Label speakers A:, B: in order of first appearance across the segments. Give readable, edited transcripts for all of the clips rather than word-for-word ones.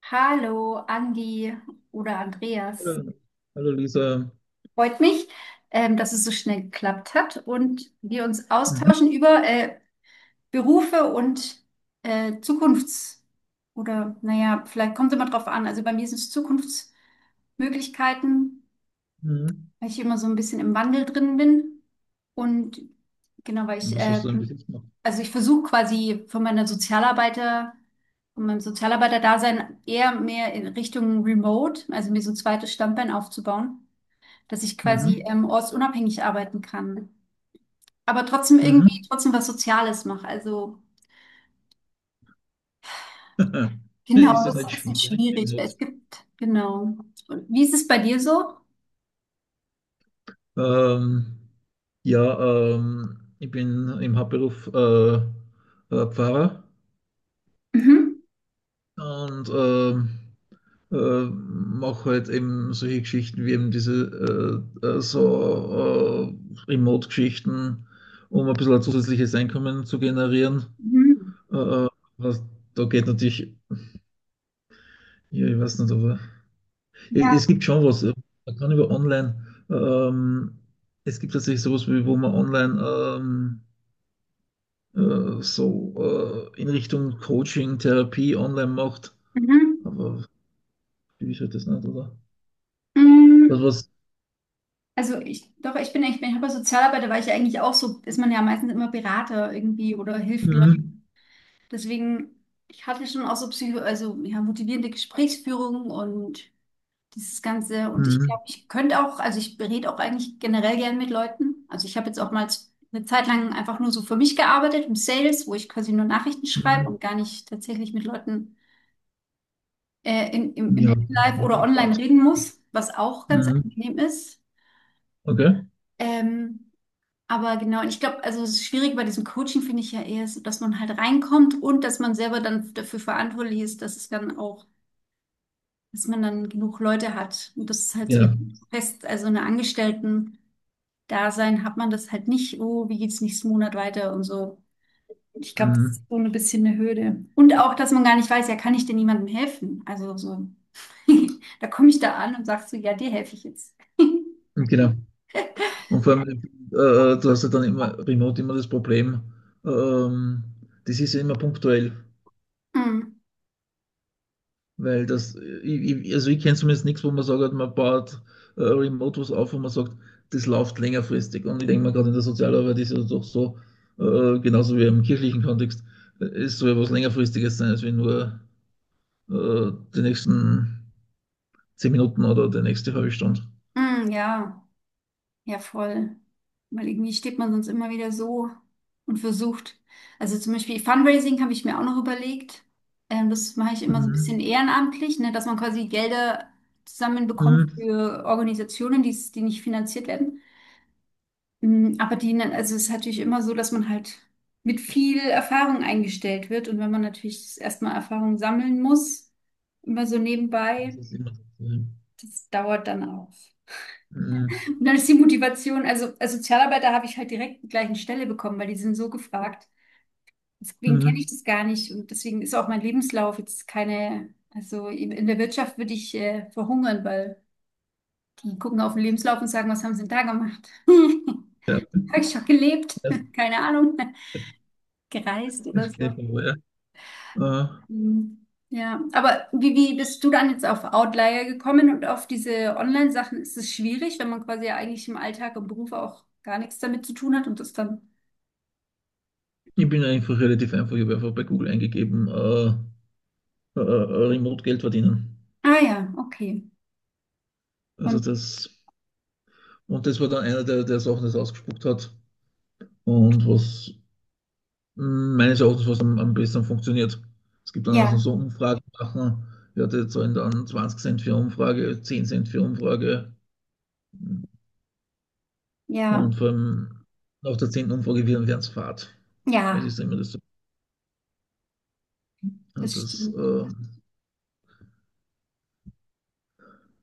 A: Hallo, Andi oder Andreas.
B: Hallo, hallo Lisa.
A: Freut mich, dass es so schnell geklappt hat und wir uns
B: Mhm.
A: austauschen über Berufe und Zukunfts- oder naja, vielleicht kommt es immer drauf an. Also bei mir sind es Zukunftsmöglichkeiten,
B: Mhm.
A: weil ich immer so ein bisschen im Wandel drin bin. Und genau, weil
B: Und was hast du denn bis jetzt gemacht?
A: also ich versuche quasi von meinem Sozialarbeiter-Dasein eher mehr in Richtung Remote, also mir so ein zweites Standbein aufzubauen, dass ich quasi
B: Mhm.
A: ortsunabhängig arbeiten kann. Aber trotzdem irgendwie
B: Mhm.
A: trotzdem was Soziales mache. Also genau,
B: Ist das
A: das ist ein
B: nicht
A: bisschen
B: schwierig im
A: schwierig, weil es
B: Netz?
A: gibt, genau. Und wie ist es bei dir so?
B: Ähm, ja, ich bin im Hauptberuf Pfarrer
A: Mhm.
B: und äh, mache halt eben solche Geschichten wie eben diese Remote-Geschichten, um ein bisschen ein zusätzliches Einkommen zu generieren.
A: Mhm.
B: Äh, äh, was, Da geht natürlich, ja, ich weiß nicht, aber.
A: Ja.
B: Es gibt schon was. Man kann über online, ähm, es gibt tatsächlich sowas, wie, wo man online in Richtung Coaching, Therapie online macht.
A: Mhm.
B: Aber wie ist halt das nicht, oder?
A: Mm,
B: Was?
A: also ich, doch, ich bin, ich bin, ich habe Sozialarbeiter, weil ich ja eigentlich auch so, ist man ja meistens immer Berater irgendwie oder hilft Leuten.
B: Mhm.
A: Deswegen, ich hatte schon auch so Psycho, also ja, motivierende Gesprächsführung und dieses Ganze. Und ich
B: Mhm.
A: glaube, ich könnte auch, also ich berate auch eigentlich generell gern mit Leuten. Also ich habe jetzt auch mal eine Zeit lang einfach nur so für mich gearbeitet im Sales, wo ich quasi nur Nachrichten schreibe
B: Mhm.
A: und gar nicht tatsächlich mit Leuten äh, in, im,
B: Ja,
A: im
B: das ist
A: Live oder
B: ein
A: online
B: Part.
A: reden muss, was auch ganz
B: Mhm.
A: angenehm ist.
B: Okay,
A: Ähm, Aber genau, und ich glaube, also es ist schwierig bei diesem Coaching, finde ich ja eher, ist, dass man halt reinkommt und dass man selber dann dafür verantwortlich ist, dass es dann auch, dass man dann genug Leute hat. Und das ist halt so eine
B: genau.
A: Also eine Angestellten-Dasein hat man das halt nicht, oh, wie geht's nächsten Monat weiter und so. Und ich glaube, das ist
B: Mhm.
A: so ein bisschen eine Hürde. Und auch, dass man gar nicht weiß, ja, kann ich denn jemandem helfen? Also so, da komme ich da an und sag so, ja, dir helfe ich jetzt.
B: Genau. Und vor allem, du hast ja dann immer remote immer das Problem, ähm, das ist ja immer punktuell.
A: Mm,
B: Weil also ich kenne zumindest nichts, wo man sagt, man baut Remote was auf, wo man sagt, das läuft längerfristig. Und ich denke mal, gerade in der Sozialarbeit ist es doch so, genauso wie im kirchlichen Kontext, ist so etwas längerfristiges sein, als wenn nur die nächsten 10 Minuten oder die nächste halbe Stunde.
A: mm, ja. Ja, voll. Weil irgendwie steht man sonst immer wieder so und versucht. Also zum Beispiel Fundraising habe ich mir auch noch überlegt. Das mache ich immer so ein bisschen
B: Mhm.
A: ehrenamtlich, ne, dass man quasi Gelder zusammenbekommt
B: Mhm.
A: für Organisationen, die nicht finanziert werden. Mm, aber also es ist natürlich immer so, dass man halt mit viel Erfahrung eingestellt wird. Und wenn man natürlich erstmal Erfahrung sammeln muss, immer so nebenbei,
B: Das ist immer so.
A: das dauert dann auch.
B: Mhm.
A: Und dann ist die Motivation, also als Sozialarbeiter habe ich halt direkt die gleichen Stelle bekommen, weil die sind so gefragt. Deswegen kenne ich
B: Mhm.
A: das gar nicht, und deswegen ist auch mein Lebenslauf jetzt keine, also in der Wirtschaft würde ich verhungern, weil die gucken auf den Lebenslauf und sagen, was haben sie denn da gemacht?
B: Ja,
A: Habe ich schon gelebt?
B: das,
A: Keine Ahnung, gereist oder
B: das kenn ich
A: so.
B: von woher. Äh,
A: Mhm. Ja, aber wie bist du dann jetzt auf Outlier gekommen und auf diese Online-Sachen? Ist es schwierig, wenn man quasi ja eigentlich im Alltag, im Beruf auch gar nichts damit zu tun hat und das dann
B: Ich bin einfach relativ einfach, ich habe einfach bei Google eingegeben, Remote Geld verdienen.
A: Ah ja, okay.
B: Also
A: Und
B: das, und das war dann einer, der Sachen das ausgespuckt hat und was meines Erachtens was am besten funktioniert. Es gibt dann also
A: ja,
B: so Umfragen machen, ja, die zahlen dann 20 Cent für Umfrage, 10 Cent für Umfrage
A: ja,
B: und vor allem nach der 10. Umfrage werden es fad. Weil es
A: ja,
B: ist immer das, also
A: das
B: das
A: stimmt.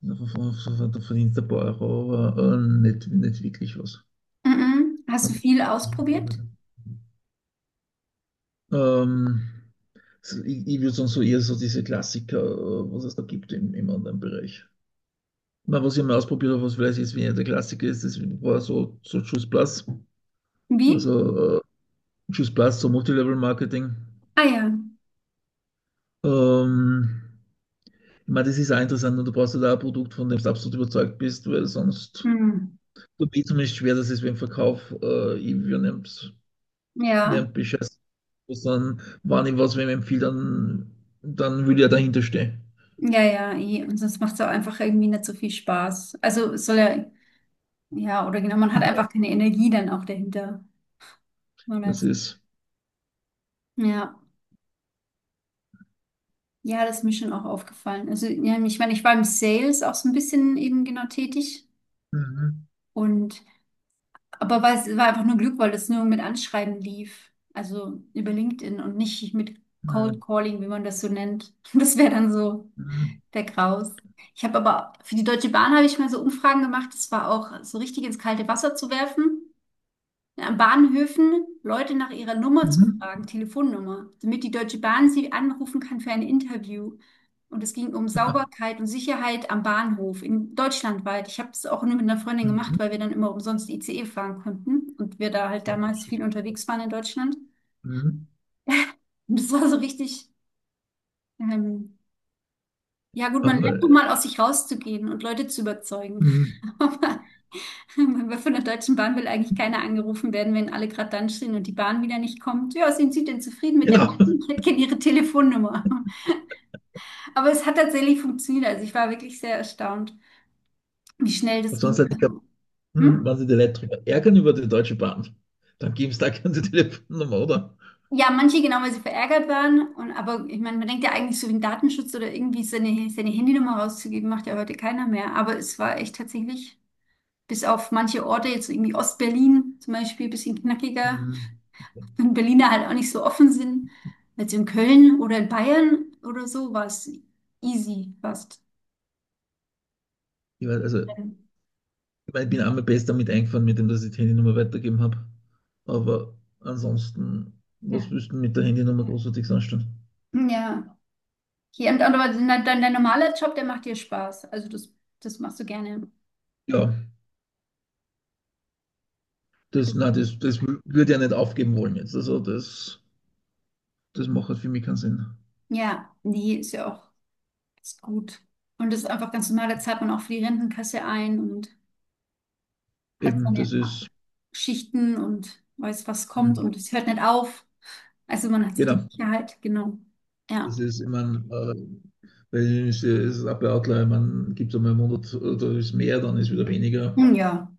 B: da verdient ein paar Euro, aber nicht wirklich was.
A: Mhm. Hast du
B: Also,
A: viel ausprobiert?
B: Ähm, so, ich würde sagen, so eher so diese Klassiker, was es da gibt im Online-Bereich. Na, was ich mal ausprobiert habe, was vielleicht jetzt weniger der Klassiker ist, das war so Juice Plus.
A: Wie?
B: Also Juice Plus, so Multilevel-Marketing.
A: Ah ja.
B: Ähm, ich meine, das ist auch interessant und du brauchst halt auch ein Produkt, von dem du absolut überzeugt bist, weil sonst
A: Mhm.
B: tut mir zumindest schwer, dass es beim Verkauf, ich nehmt,
A: Ja,
B: nehmt Bescheid, sondern wenn ich was wem empfehle, dann will ich ja dahinter stehen.
A: ja, ja. Eh. Und sonst macht es auch einfach irgendwie nicht so viel Spaß. Also es soll ja, ja, oder genau, man hat
B: Ja,
A: einfach keine Energie dann auch dahinter. Man
B: das
A: als-
B: ist.
A: ja, ja, das ist mir schon auch aufgefallen. Also ja, ich meine, ich war im Sales auch so ein bisschen eben genau tätig.
B: Mhm.
A: Und aber weil es war einfach nur Glück, weil das nur mit Anschreiben lief. Also über LinkedIn und nicht mit Cold
B: Mhm.
A: Calling, wie man das so nennt. Das wäre dann so
B: Mhm.
A: der Graus. Ich habe aber für die Deutsche Bahn habe ich mal so Umfragen gemacht. Das war auch so richtig ins kalte Wasser zu werfen, an Bahnhöfen Leute nach ihrer Nummer zu fragen,
B: Mhm.
A: Telefonnummer, damit die Deutsche Bahn sie anrufen kann für ein Interview. Und es ging um
B: Ja.
A: Sauberkeit und Sicherheit am Bahnhof in deutschlandweit. Ich habe es auch nur mit einer Freundin gemacht, weil
B: Mhm.
A: wir dann immer umsonst ICE fahren konnten und wir da halt damals viel unterwegs waren in Deutschland.
B: Mhm.
A: Und das war so richtig, ähm, ja gut, man
B: Aber
A: lernt doch mal aus sich rauszugehen und Leute zu überzeugen.
B: mhm.
A: Aber von der Deutschen Bahn will eigentlich keiner angerufen werden, wenn alle gerade dann stehen und die Bahn wieder nicht kommt. Ja, sind Sie denn zufrieden mit der Bahn?
B: Genau.
A: Ich hätte gerne Ihre Telefonnummer. Aber es hat tatsächlich funktioniert. Also ich war wirklich sehr erstaunt, wie schnell das
B: Und sonst
A: ging.
B: hätte ich gehabt,
A: Also, hm?
B: wenn Sie die Leute drüber ärgern über die Deutsche Bahn, dann geben Sie da keine Telefonnummer, oder?
A: Ja, manche genau, weil sie verärgert waren. Und, aber ich meine, man denkt ja eigentlich so wegen Datenschutz oder irgendwie seine Handynummer rauszugeben, macht ja heute keiner mehr. Aber es war echt tatsächlich, bis auf manche Orte, jetzt so irgendwie Ostberlin zum Beispiel, ein bisschen knackiger,
B: Mhm.
A: wenn Berliner halt auch nicht so offen sind, als in Köln oder in Bayern oder so, war es easy fast.
B: Ich weiß, also, ich meine, ich bin einmal besser damit eingefahren, mit dem, dass ich die Handynummer weitergegeben habe. Aber ansonsten, was
A: Ja.
B: wüssten mit der Handynummer großartig anstellen?
A: Ja. Hier, und aber dein normaler Job, der macht dir Spaß. Also das, das machst du gerne.
B: Ja, das,
A: Das,
B: nein, das, das wü- würde ich ja nicht aufgeben wollen jetzt. Also das macht halt für mich keinen Sinn.
A: ja, nee, ist ja auch ist gut. Und das ist einfach ganz normal, da zahlt man auch für die Rentenkasse ein und hat
B: Eben,
A: seine
B: das ist.
A: Schichten und weiß, was kommt
B: hm,
A: und es hört nicht auf. Also man hat so die
B: Genau.
A: Sicherheit, genau. Ja.
B: Es ist, immer, äh, weil es ist ein Man gibt es einmal einen Monat, da ist mehr, dann ist wieder weniger.
A: Ja.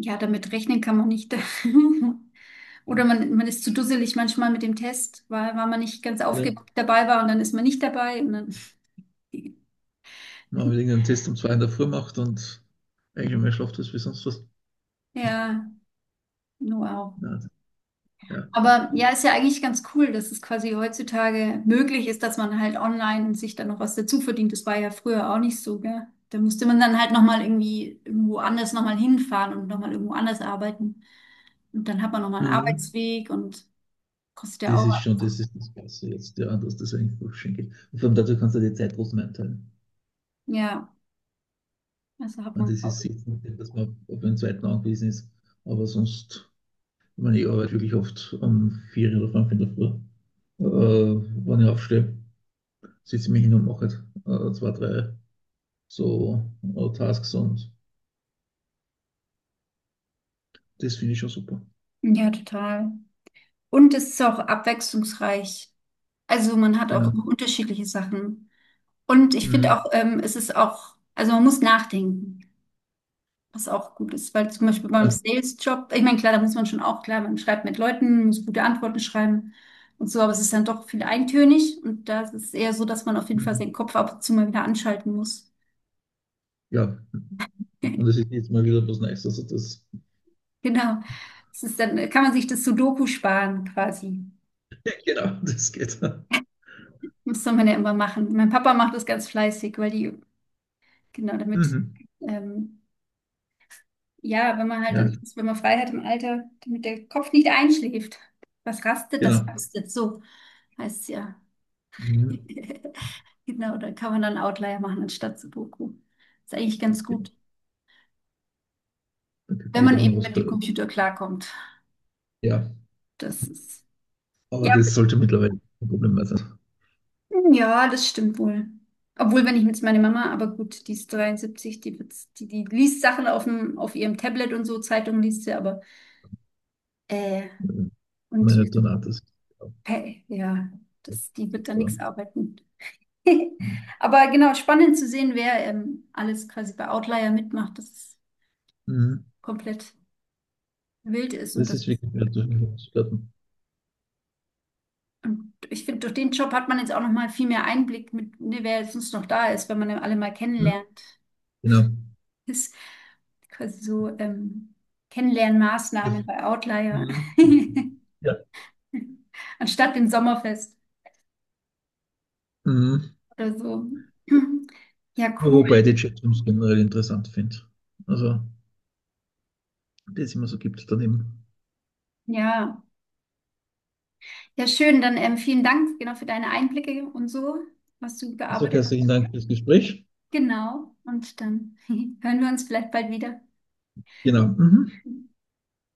A: Ja, damit rechnen kann man nicht. Oder man ist zu dusselig manchmal mit dem Test, weil man nicht ganz
B: Ja.
A: aufgeguckt dabei war und dann ist man nicht dabei. Und dann,
B: Man hat irgendeinen Test um 2 in der Früh gemacht und eigentlich mehr schlaft als wie sonst was.
A: ja, wow.
B: Nein, ja, das
A: Aber
B: kann
A: ja,
B: ich.
A: ist ja eigentlich ganz cool, dass es quasi heutzutage möglich ist, dass man halt online sich dann noch was dazu verdient. Das war ja früher auch nicht so, gell? Da musste man dann halt nochmal irgendwie irgendwo anders nochmal hinfahren und nochmal irgendwo anders arbeiten. Und dann hat man nochmal einen
B: Mhm.
A: Arbeitsweg und kostet ja
B: Das
A: auch
B: ist schon,
A: was.
B: das ist das Beste jetzt, ja, dass das einfach schön geht. Und vor allem dazu kannst du die Zeit trotzdem einteilen.
A: Ja, also
B: Ich
A: hat
B: meine,
A: man.
B: das ist jetzt nicht, dass man auf den zweiten angewiesen ist, aber sonst, ich meine, ich arbeite wirklich oft um 4 oder 5 in der Früh, äh, wenn ich aufstehe. Sitze ich mich hin und mache halt, zwei, drei so Tasks und das finde ich schon super.
A: Ja, total. Und es ist auch abwechslungsreich. Also man hat auch
B: Genau.
A: immer unterschiedliche Sachen. Und ich finde
B: Mhm.
A: auch, es ist auch, also man muss nachdenken, was auch gut ist, weil zum Beispiel beim
B: Ja.
A: Sales-Job, ich meine, klar, da muss man schon auch, klar, man schreibt mit Leuten, muss gute Antworten schreiben und so, aber es ist dann doch viel eintönig und da ist es eher so, dass man auf jeden Fall
B: Mhm.
A: seinen Kopf ab und zu mal wieder anschalten muss.
B: Ja. Und das ist jetzt mal wieder was Neues.
A: Genau. Es ist dann, kann man sich das Sudoku sparen quasi.
B: Genau, das geht.
A: Das soll man ja immer machen. Mein Papa macht das ganz fleißig, weil die genau, damit,
B: Mhm.
A: ähm, ja, wenn man halt
B: Ja,
A: dann, wenn man frei hat im Alter, damit der Kopf nicht einschläft. Was rastet, das
B: genau.
A: rastet so, heißt es ja.
B: Mhm.
A: Genau, da kann man dann Outlier machen anstatt Sudoku. Ist eigentlich ganz
B: Ja,
A: gut,
B: dann kriegt man
A: wenn man
B: sogar noch
A: eben
B: was
A: mit dem
B: gehört.
A: Computer klarkommt.
B: Ja,
A: Das ist,
B: aber
A: ja,
B: das sollte mittlerweile kein Problem mehr sein.
A: ja, das stimmt wohl. Obwohl, wenn ich jetzt meine Mama, aber gut, die ist 73, die liest Sachen auf dem, auf ihrem Tablet und so, Zeitungen liest sie, aber, äh,
B: Äh,
A: und
B: Meine Donate ist ja,
A: hey, ja,
B: das
A: das, die wird da
B: ist da.
A: nichts arbeiten. Aber genau, spannend zu sehen, wer alles quasi bei Outlier mitmacht, dass es
B: Mhm.
A: komplett wild ist. Und,
B: Das
A: das,
B: ist wirklich wert, durch mich zu platten.
A: und ich finde, durch den Job hat man jetzt auch noch mal viel mehr Einblick mit, ne, wer sonst noch da ist, wenn man alle mal kennenlernt.
B: Genau.
A: Ist quasi so Kennenlernmaßnahmen bei Outlier.
B: Mhm. Ja.
A: Anstatt dem Sommerfest
B: Mhm.
A: oder so. Ja, cool.
B: Wobei ich die Chatrooms generell interessant finde. Also, die es immer so gibt daneben.
A: Ja. Ja, schön. Dann vielen Dank genau für deine Einblicke und so, was du
B: Ich sage
A: gearbeitet
B: herzlichen
A: hast.
B: Dank fürs Gespräch.
A: Genau. Und dann hören wir uns vielleicht bald wieder.
B: Genau. Mhm.